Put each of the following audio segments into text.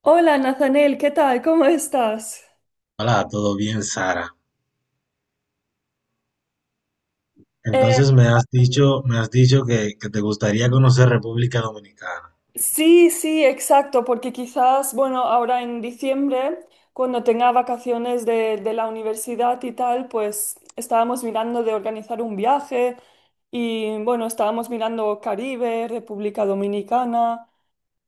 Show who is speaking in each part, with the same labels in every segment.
Speaker 1: Hola, Nathaniel, ¿qué tal? ¿Cómo estás?
Speaker 2: Hola, ¿todo bien, Sara?
Speaker 1: Eh,
Speaker 2: Entonces me has dicho que te gustaría conocer República Dominicana.
Speaker 1: sí, sí, exacto, porque quizás, bueno, ahora en diciembre, cuando tenga vacaciones de la universidad y tal, pues estábamos mirando de organizar un viaje y, bueno, estábamos mirando Caribe, República Dominicana.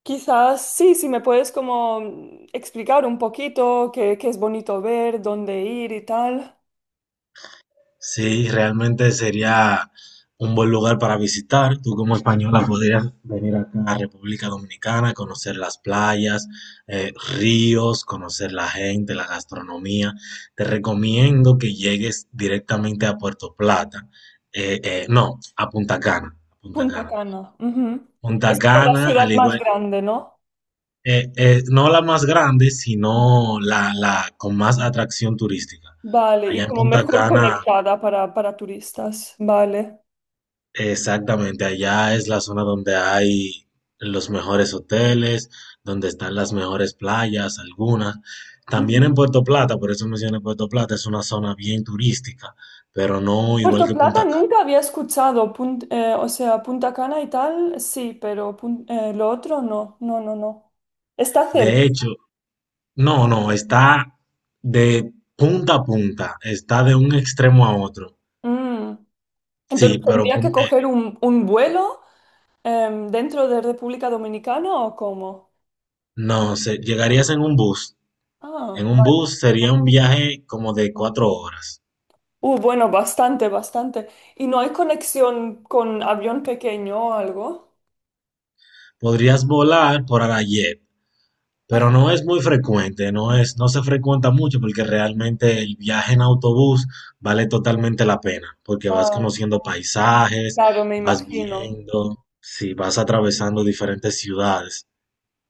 Speaker 1: Quizás, sí, si me puedes como explicar un poquito qué, qué es bonito ver, dónde ir y tal.
Speaker 2: Sí, realmente sería un buen lugar para visitar. Tú como española podrías venir acá a República Dominicana, conocer las playas, eh, ríos, conocer la gente, la gastronomía. Te recomiendo que llegues directamente a Puerto Plata. No, a Punta Cana, a Punta
Speaker 1: Punta
Speaker 2: Cana.
Speaker 1: Cana, ujú.
Speaker 2: Punta
Speaker 1: Es como la
Speaker 2: Cana,
Speaker 1: ciudad
Speaker 2: al
Speaker 1: más
Speaker 2: igual,
Speaker 1: grande, ¿no?
Speaker 2: No la más grande, sino la con más atracción turística.
Speaker 1: Vale, y
Speaker 2: Allá en
Speaker 1: como
Speaker 2: Punta
Speaker 1: mejor
Speaker 2: Cana,
Speaker 1: conectada para turistas. Vale.
Speaker 2: exactamente, allá es la zona donde hay los mejores hoteles, donde están las mejores playas, algunas. También en
Speaker 1: Ujú.
Speaker 2: Puerto Plata, por eso mencioné Puerto Plata, es una zona bien turística, pero no igual
Speaker 1: Puerto
Speaker 2: que
Speaker 1: Plata
Speaker 2: Punta Cana.
Speaker 1: nunca había escuchado, o sea, Punta Cana y tal, sí, pero lo otro no, no, no, no. Está cerca.
Speaker 2: De hecho, no, no, está de punta a punta, está de un extremo a otro.
Speaker 1: Mm. Entonces,
Speaker 2: Sí, pero
Speaker 1: ¿tendría que coger un vuelo dentro de República Dominicana o cómo?
Speaker 2: no, llegarías en un bus.
Speaker 1: Ah,
Speaker 2: En un
Speaker 1: vale.
Speaker 2: bus sería un viaje como de 4 horas.
Speaker 1: Bueno, bastante, bastante. ¿Y no hay conexión con avión pequeño o algo?
Speaker 2: Podrías volar por Arayet,
Speaker 1: Ajá.
Speaker 2: pero no es muy frecuente, no se frecuenta mucho porque realmente el viaje en autobús vale totalmente la pena, porque vas
Speaker 1: Ah,
Speaker 2: conociendo paisajes,
Speaker 1: claro, me
Speaker 2: vas
Speaker 1: imagino.
Speaker 2: viendo, si vas atravesando
Speaker 1: Sí.
Speaker 2: diferentes ciudades.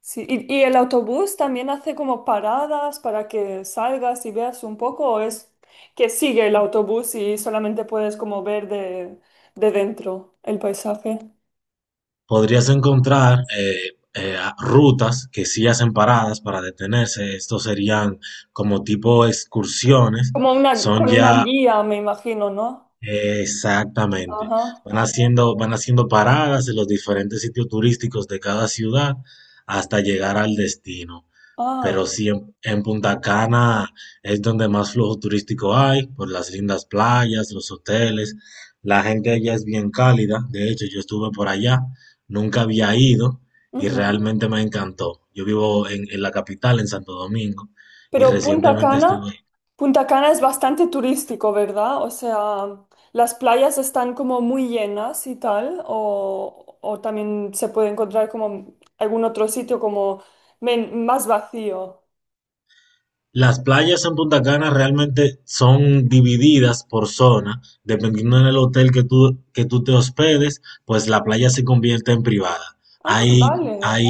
Speaker 1: Sí, y el autobús también hace como paradas para que salgas y veas un poco, o es que sigue el autobús y solamente puedes como ver de dentro el paisaje.
Speaker 2: Podrías encontrar rutas que sí hacen paradas para detenerse. Estos serían como tipo excursiones.
Speaker 1: Como una,
Speaker 2: Son
Speaker 1: con una
Speaker 2: ya
Speaker 1: guía, me imagino, ¿no?
Speaker 2: exactamente.
Speaker 1: Ajá.
Speaker 2: Van haciendo paradas en los diferentes sitios turísticos de cada ciudad hasta llegar al destino. Pero
Speaker 1: Ah.
Speaker 2: sí, en Punta Cana es donde más flujo turístico hay, por las lindas playas, los hoteles. La gente allá es bien cálida. De hecho, yo estuve por allá, nunca había ido y
Speaker 1: Ujú.
Speaker 2: realmente me encantó. Yo vivo en la capital, en Santo Domingo, y
Speaker 1: Pero Punta
Speaker 2: recientemente
Speaker 1: Cana,
Speaker 2: estuve.
Speaker 1: Punta Cana es bastante turístico, ¿verdad? O sea, las playas están como muy llenas y tal, o también se puede encontrar como algún otro sitio como más vacío.
Speaker 2: Las playas en Punta Cana realmente son divididas por zona, dependiendo del hotel que tú te hospedes, pues la playa se convierte en privada.
Speaker 1: Ah,
Speaker 2: Hay, hay,
Speaker 1: vale.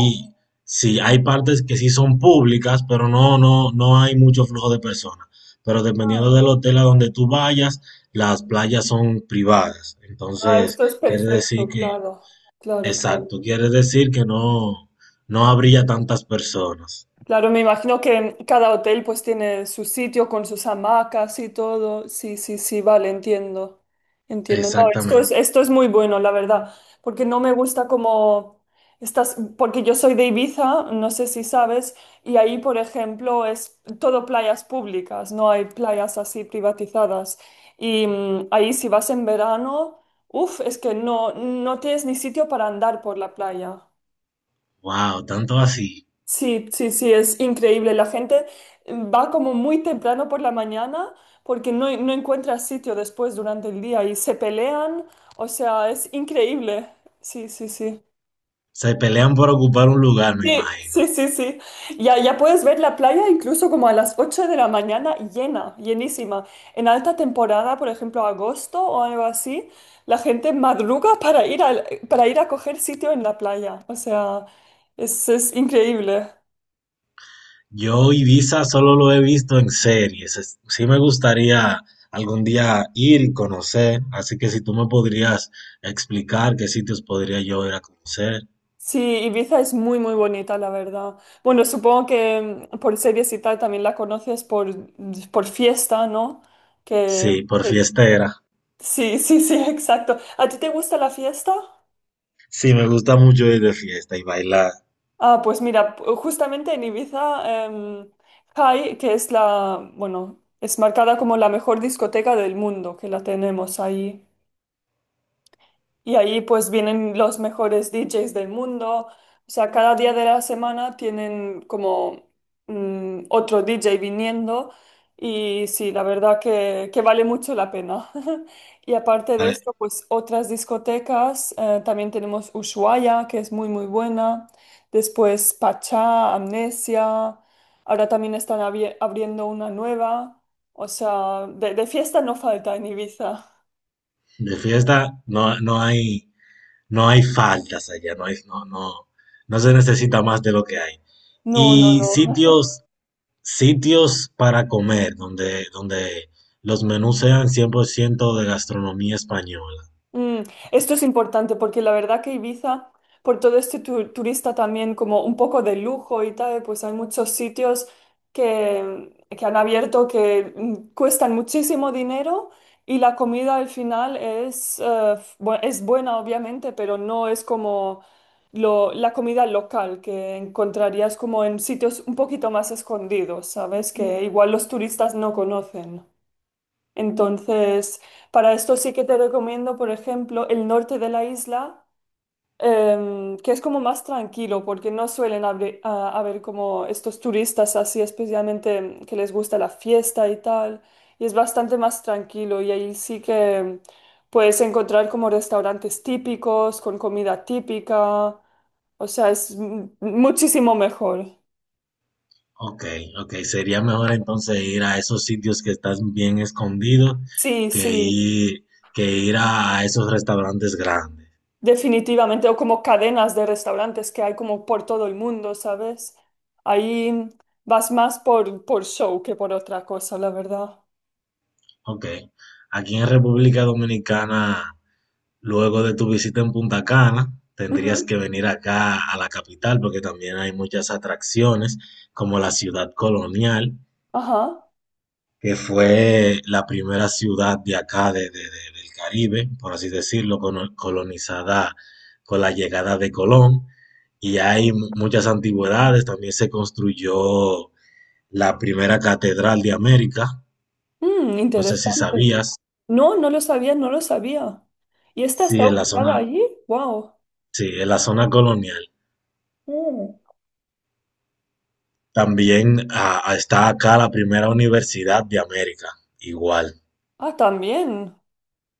Speaker 2: sí, hay partes que sí son públicas, pero no hay mucho flujo de personas. Pero dependiendo
Speaker 1: Ah,
Speaker 2: del hotel a donde tú vayas, las playas son privadas.
Speaker 1: ah,
Speaker 2: Entonces,
Speaker 1: esto es
Speaker 2: quiere decir
Speaker 1: perfecto,
Speaker 2: que,
Speaker 1: claro, claro, claro.
Speaker 2: exacto, quiere decir que no, no habría tantas personas.
Speaker 1: Claro, me imagino que cada hotel pues tiene su sitio con sus hamacas y todo. Sí, sí, sí, vale, entiendo. Entiendo. No,
Speaker 2: Exactamente.
Speaker 1: esto es muy bueno, la verdad, porque no me gusta como estas, porque yo soy de Ibiza, no sé si sabes, y ahí, por ejemplo, es todo playas públicas, no hay playas así privatizadas. Y ahí si vas en verano, uff, es que no, no tienes ni sitio para andar por la playa.
Speaker 2: Wow, tanto así.
Speaker 1: Sí, sí, sí, es increíble. La gente va como muy temprano por la mañana porque no, no encuentra sitio después durante el día y se pelean. O sea, es increíble. Sí, sí, sí.
Speaker 2: Se pelean por ocupar un lugar, me
Speaker 1: Sí,
Speaker 2: imagino.
Speaker 1: sí, sí, sí. Ya, ya puedes ver la playa incluso como a las 8 de la mañana llena, llenísima. En alta temporada, por ejemplo, agosto o algo así, la gente madruga para para ir a coger sitio en la playa. O sea, es increíble.
Speaker 2: Yo Ibiza solo lo he visto en series. Sí me gustaría algún día ir y conocer, así que si tú me podrías explicar qué sitios podría yo ir a conocer.
Speaker 1: Sí, Ibiza es muy, muy bonita, la verdad. Bueno, supongo que por series y tal también la conoces por fiesta, ¿no? Que,
Speaker 2: Sí, por
Speaker 1: que-
Speaker 2: fiestera.
Speaker 1: sí, sí, sí, exacto. ¿A ti te gusta la fiesta?
Speaker 2: Sí, me gusta mucho ir de fiesta y bailar.
Speaker 1: Ah, pues mira, justamente en Ibiza, High, que es la, bueno, es marcada como la mejor discoteca del mundo, que la tenemos ahí. Y ahí pues vienen los mejores DJs del mundo. O sea, cada día de la semana tienen como otro DJ viniendo. Y sí, la verdad que vale mucho la pena. Y aparte
Speaker 2: A
Speaker 1: de
Speaker 2: ver,
Speaker 1: esto, pues otras discotecas. Eh, también tenemos Ushuaia, que es muy, muy buena. Después Pachá, Amnesia. Ahora también están abriendo una nueva. O sea, de fiesta no falta en Ibiza.
Speaker 2: de fiesta no, no hay, no hay faltas allá, no hay, no, no, no se necesita más de lo que hay.
Speaker 1: No, no,
Speaker 2: Y
Speaker 1: no.
Speaker 2: sitios sitios para comer donde los menús sean 100% de gastronomía española.
Speaker 1: Mm, esto es importante porque la verdad que Ibiza, por todo este turista también como un poco de lujo y tal, pues hay muchos sitios que han abierto que cuestan muchísimo dinero y la comida al final es, es buena obviamente, pero no es como la comida local que encontrarías como en sitios un poquito más escondidos, ¿sabes? Que igual los turistas no conocen. Entonces, para esto sí que te recomiendo, por ejemplo, el norte de la isla, que es como más tranquilo, porque no suelen haber, haber como estos turistas así, especialmente que les gusta la fiesta y tal, y es bastante más tranquilo y ahí sí que puedes encontrar como restaurantes típicos, con comida típica, o sea, es muchísimo mejor.
Speaker 2: Okey, okey, sería mejor entonces ir a esos sitios que están bien escondidos
Speaker 1: Sí,
Speaker 2: que
Speaker 1: sí.
Speaker 2: ir que ir a esos restaurantes grandes.
Speaker 1: Definitivamente, o como cadenas de restaurantes que hay como por todo el mundo, ¿sabes? Ahí vas más por show que por otra cosa, la verdad.
Speaker 2: Okey. Aquí en República Dominicana, luego de tu visita en Punta Cana, tendrías
Speaker 1: Ujú.
Speaker 2: que venir acá a la capital, porque también hay muchas atracciones, como la Ciudad Colonial,
Speaker 1: Ajá.
Speaker 2: que fue la primera ciudad de acá, del Caribe, por así decirlo, colonizada con la llegada de Colón. Y hay muchas antigüedades, también se construyó la primera catedral de América,
Speaker 1: Mm,
Speaker 2: no sé si
Speaker 1: interesante.
Speaker 2: sabías,
Speaker 1: No, no lo sabía, no lo sabía. ¿Y esta
Speaker 2: sí,
Speaker 1: está
Speaker 2: en la
Speaker 1: ubicada
Speaker 2: zona,
Speaker 1: allí? Wow.
Speaker 2: sí, en la zona colonial. También está acá la primera universidad de América, igual,
Speaker 1: Ah, también.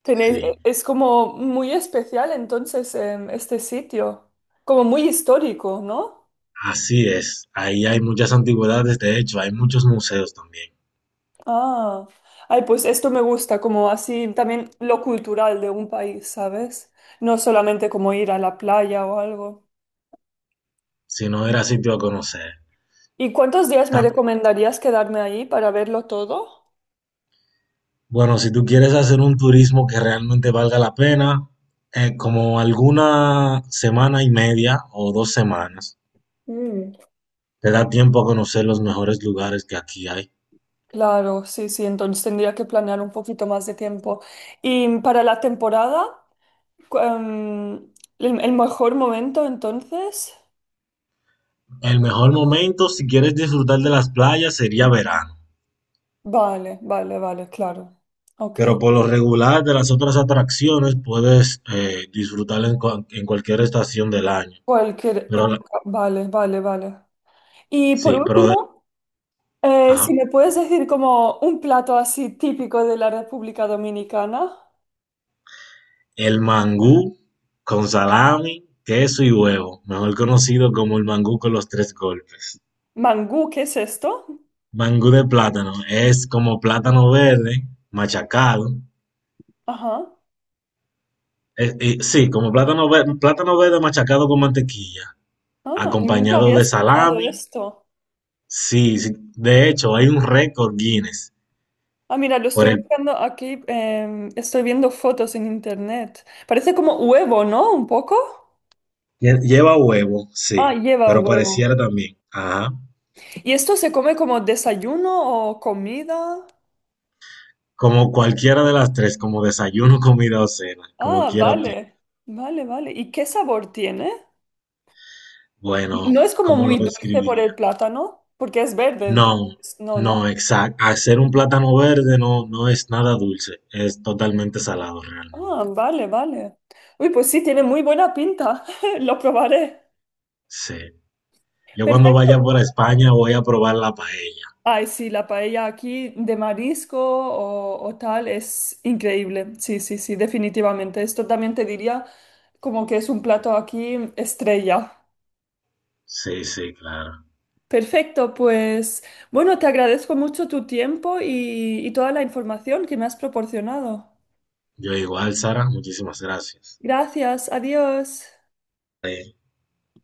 Speaker 1: Tenéis,
Speaker 2: sí.
Speaker 1: es como muy especial entonces este sitio, como muy histórico, ¿no?
Speaker 2: Así es, ahí hay muchas antigüedades, de hecho, hay muchos museos también.
Speaker 1: Ah, ay, pues esto me gusta, como así también lo cultural de un país, ¿sabes? No solamente como ir a la playa o algo.
Speaker 2: Si no era sitio a conocer.
Speaker 1: ¿Y cuántos días me
Speaker 2: Ta-
Speaker 1: recomendarías quedarme ahí para verlo todo?
Speaker 2: Bueno, si tú quieres hacer un turismo que realmente valga la pena, como alguna semana y media o 2 semanas,
Speaker 1: Mm.
Speaker 2: te da tiempo a conocer los mejores lugares que aquí hay.
Speaker 1: Claro, sí, sí, entonces tendría que planear un poquito más de tiempo. Y para la temporada, cu- em, el mejor momento entonces,
Speaker 2: El mejor momento, si quieres disfrutar de las playas, sería verano.
Speaker 1: vale, vale, vale, claro. Ok.
Speaker 2: Pero por lo regular de las otras atracciones puedes disfrutar en, en cualquier estación del año.
Speaker 1: Cualquier
Speaker 2: Pero
Speaker 1: época, vale, vale, vale. Y por
Speaker 2: sí, pero de-
Speaker 1: último, eh, si
Speaker 2: ajá.
Speaker 1: me puedes decir como un plato así típico de la República Dominicana.
Speaker 2: El mangú con salami, queso y huevo, mejor conocido como el mangú con los tres golpes.
Speaker 1: Mangú, ¿qué es esto?
Speaker 2: Mangú de plátano, es como plátano verde machacado,
Speaker 1: Ajá.
Speaker 2: sí, como plátano verde machacado con mantequilla,
Speaker 1: Ah, nunca
Speaker 2: acompañado
Speaker 1: había
Speaker 2: de
Speaker 1: escuchado
Speaker 2: salami.
Speaker 1: esto.
Speaker 2: Sí, sí, de hecho hay un récord Guinness
Speaker 1: Ah, mira, lo estoy
Speaker 2: por el
Speaker 1: buscando aquí. Estoy viendo fotos en internet. Parece como huevo, ¿no? Un poco.
Speaker 2: lleva huevo,
Speaker 1: Ah,
Speaker 2: sí,
Speaker 1: lleva
Speaker 2: pero
Speaker 1: huevo.
Speaker 2: pareciera también, ajá,
Speaker 1: ¿Y esto se come como desayuno o comida?
Speaker 2: como cualquiera de las tres, como desayuno, comida o cena, como
Speaker 1: Ah,
Speaker 2: quiera aplica.
Speaker 1: vale. Vale, vale. ¿Y qué sabor tiene?
Speaker 2: Bueno,
Speaker 1: No es como
Speaker 2: ¿cómo lo
Speaker 1: muy dulce por
Speaker 2: describiría?
Speaker 1: el plátano, porque es verde, entonces.
Speaker 2: No,
Speaker 1: No, no.
Speaker 2: no, exacto. Hacer un plátano verde no, no es nada dulce, es totalmente salado realmente.
Speaker 1: Ah, vale, vale. Uy, pues sí, tiene muy buena pinta. Lo probaré.
Speaker 2: Sí. Yo cuando vaya
Speaker 1: Perfecto.
Speaker 2: por España voy a probar la paella.
Speaker 1: Ay, sí, la paella aquí de marisco o tal es increíble. Sí, sí, sí, definitivamente. Esto también te diría como que es un plato aquí estrella.
Speaker 2: Sí, sí, claro.
Speaker 1: Perfecto, pues bueno, te agradezco mucho tu tiempo y toda la información que me has proporcionado.
Speaker 2: Yo igual, Sara, muchísimas gracias.
Speaker 1: Gracias, adiós.
Speaker 2: Sí.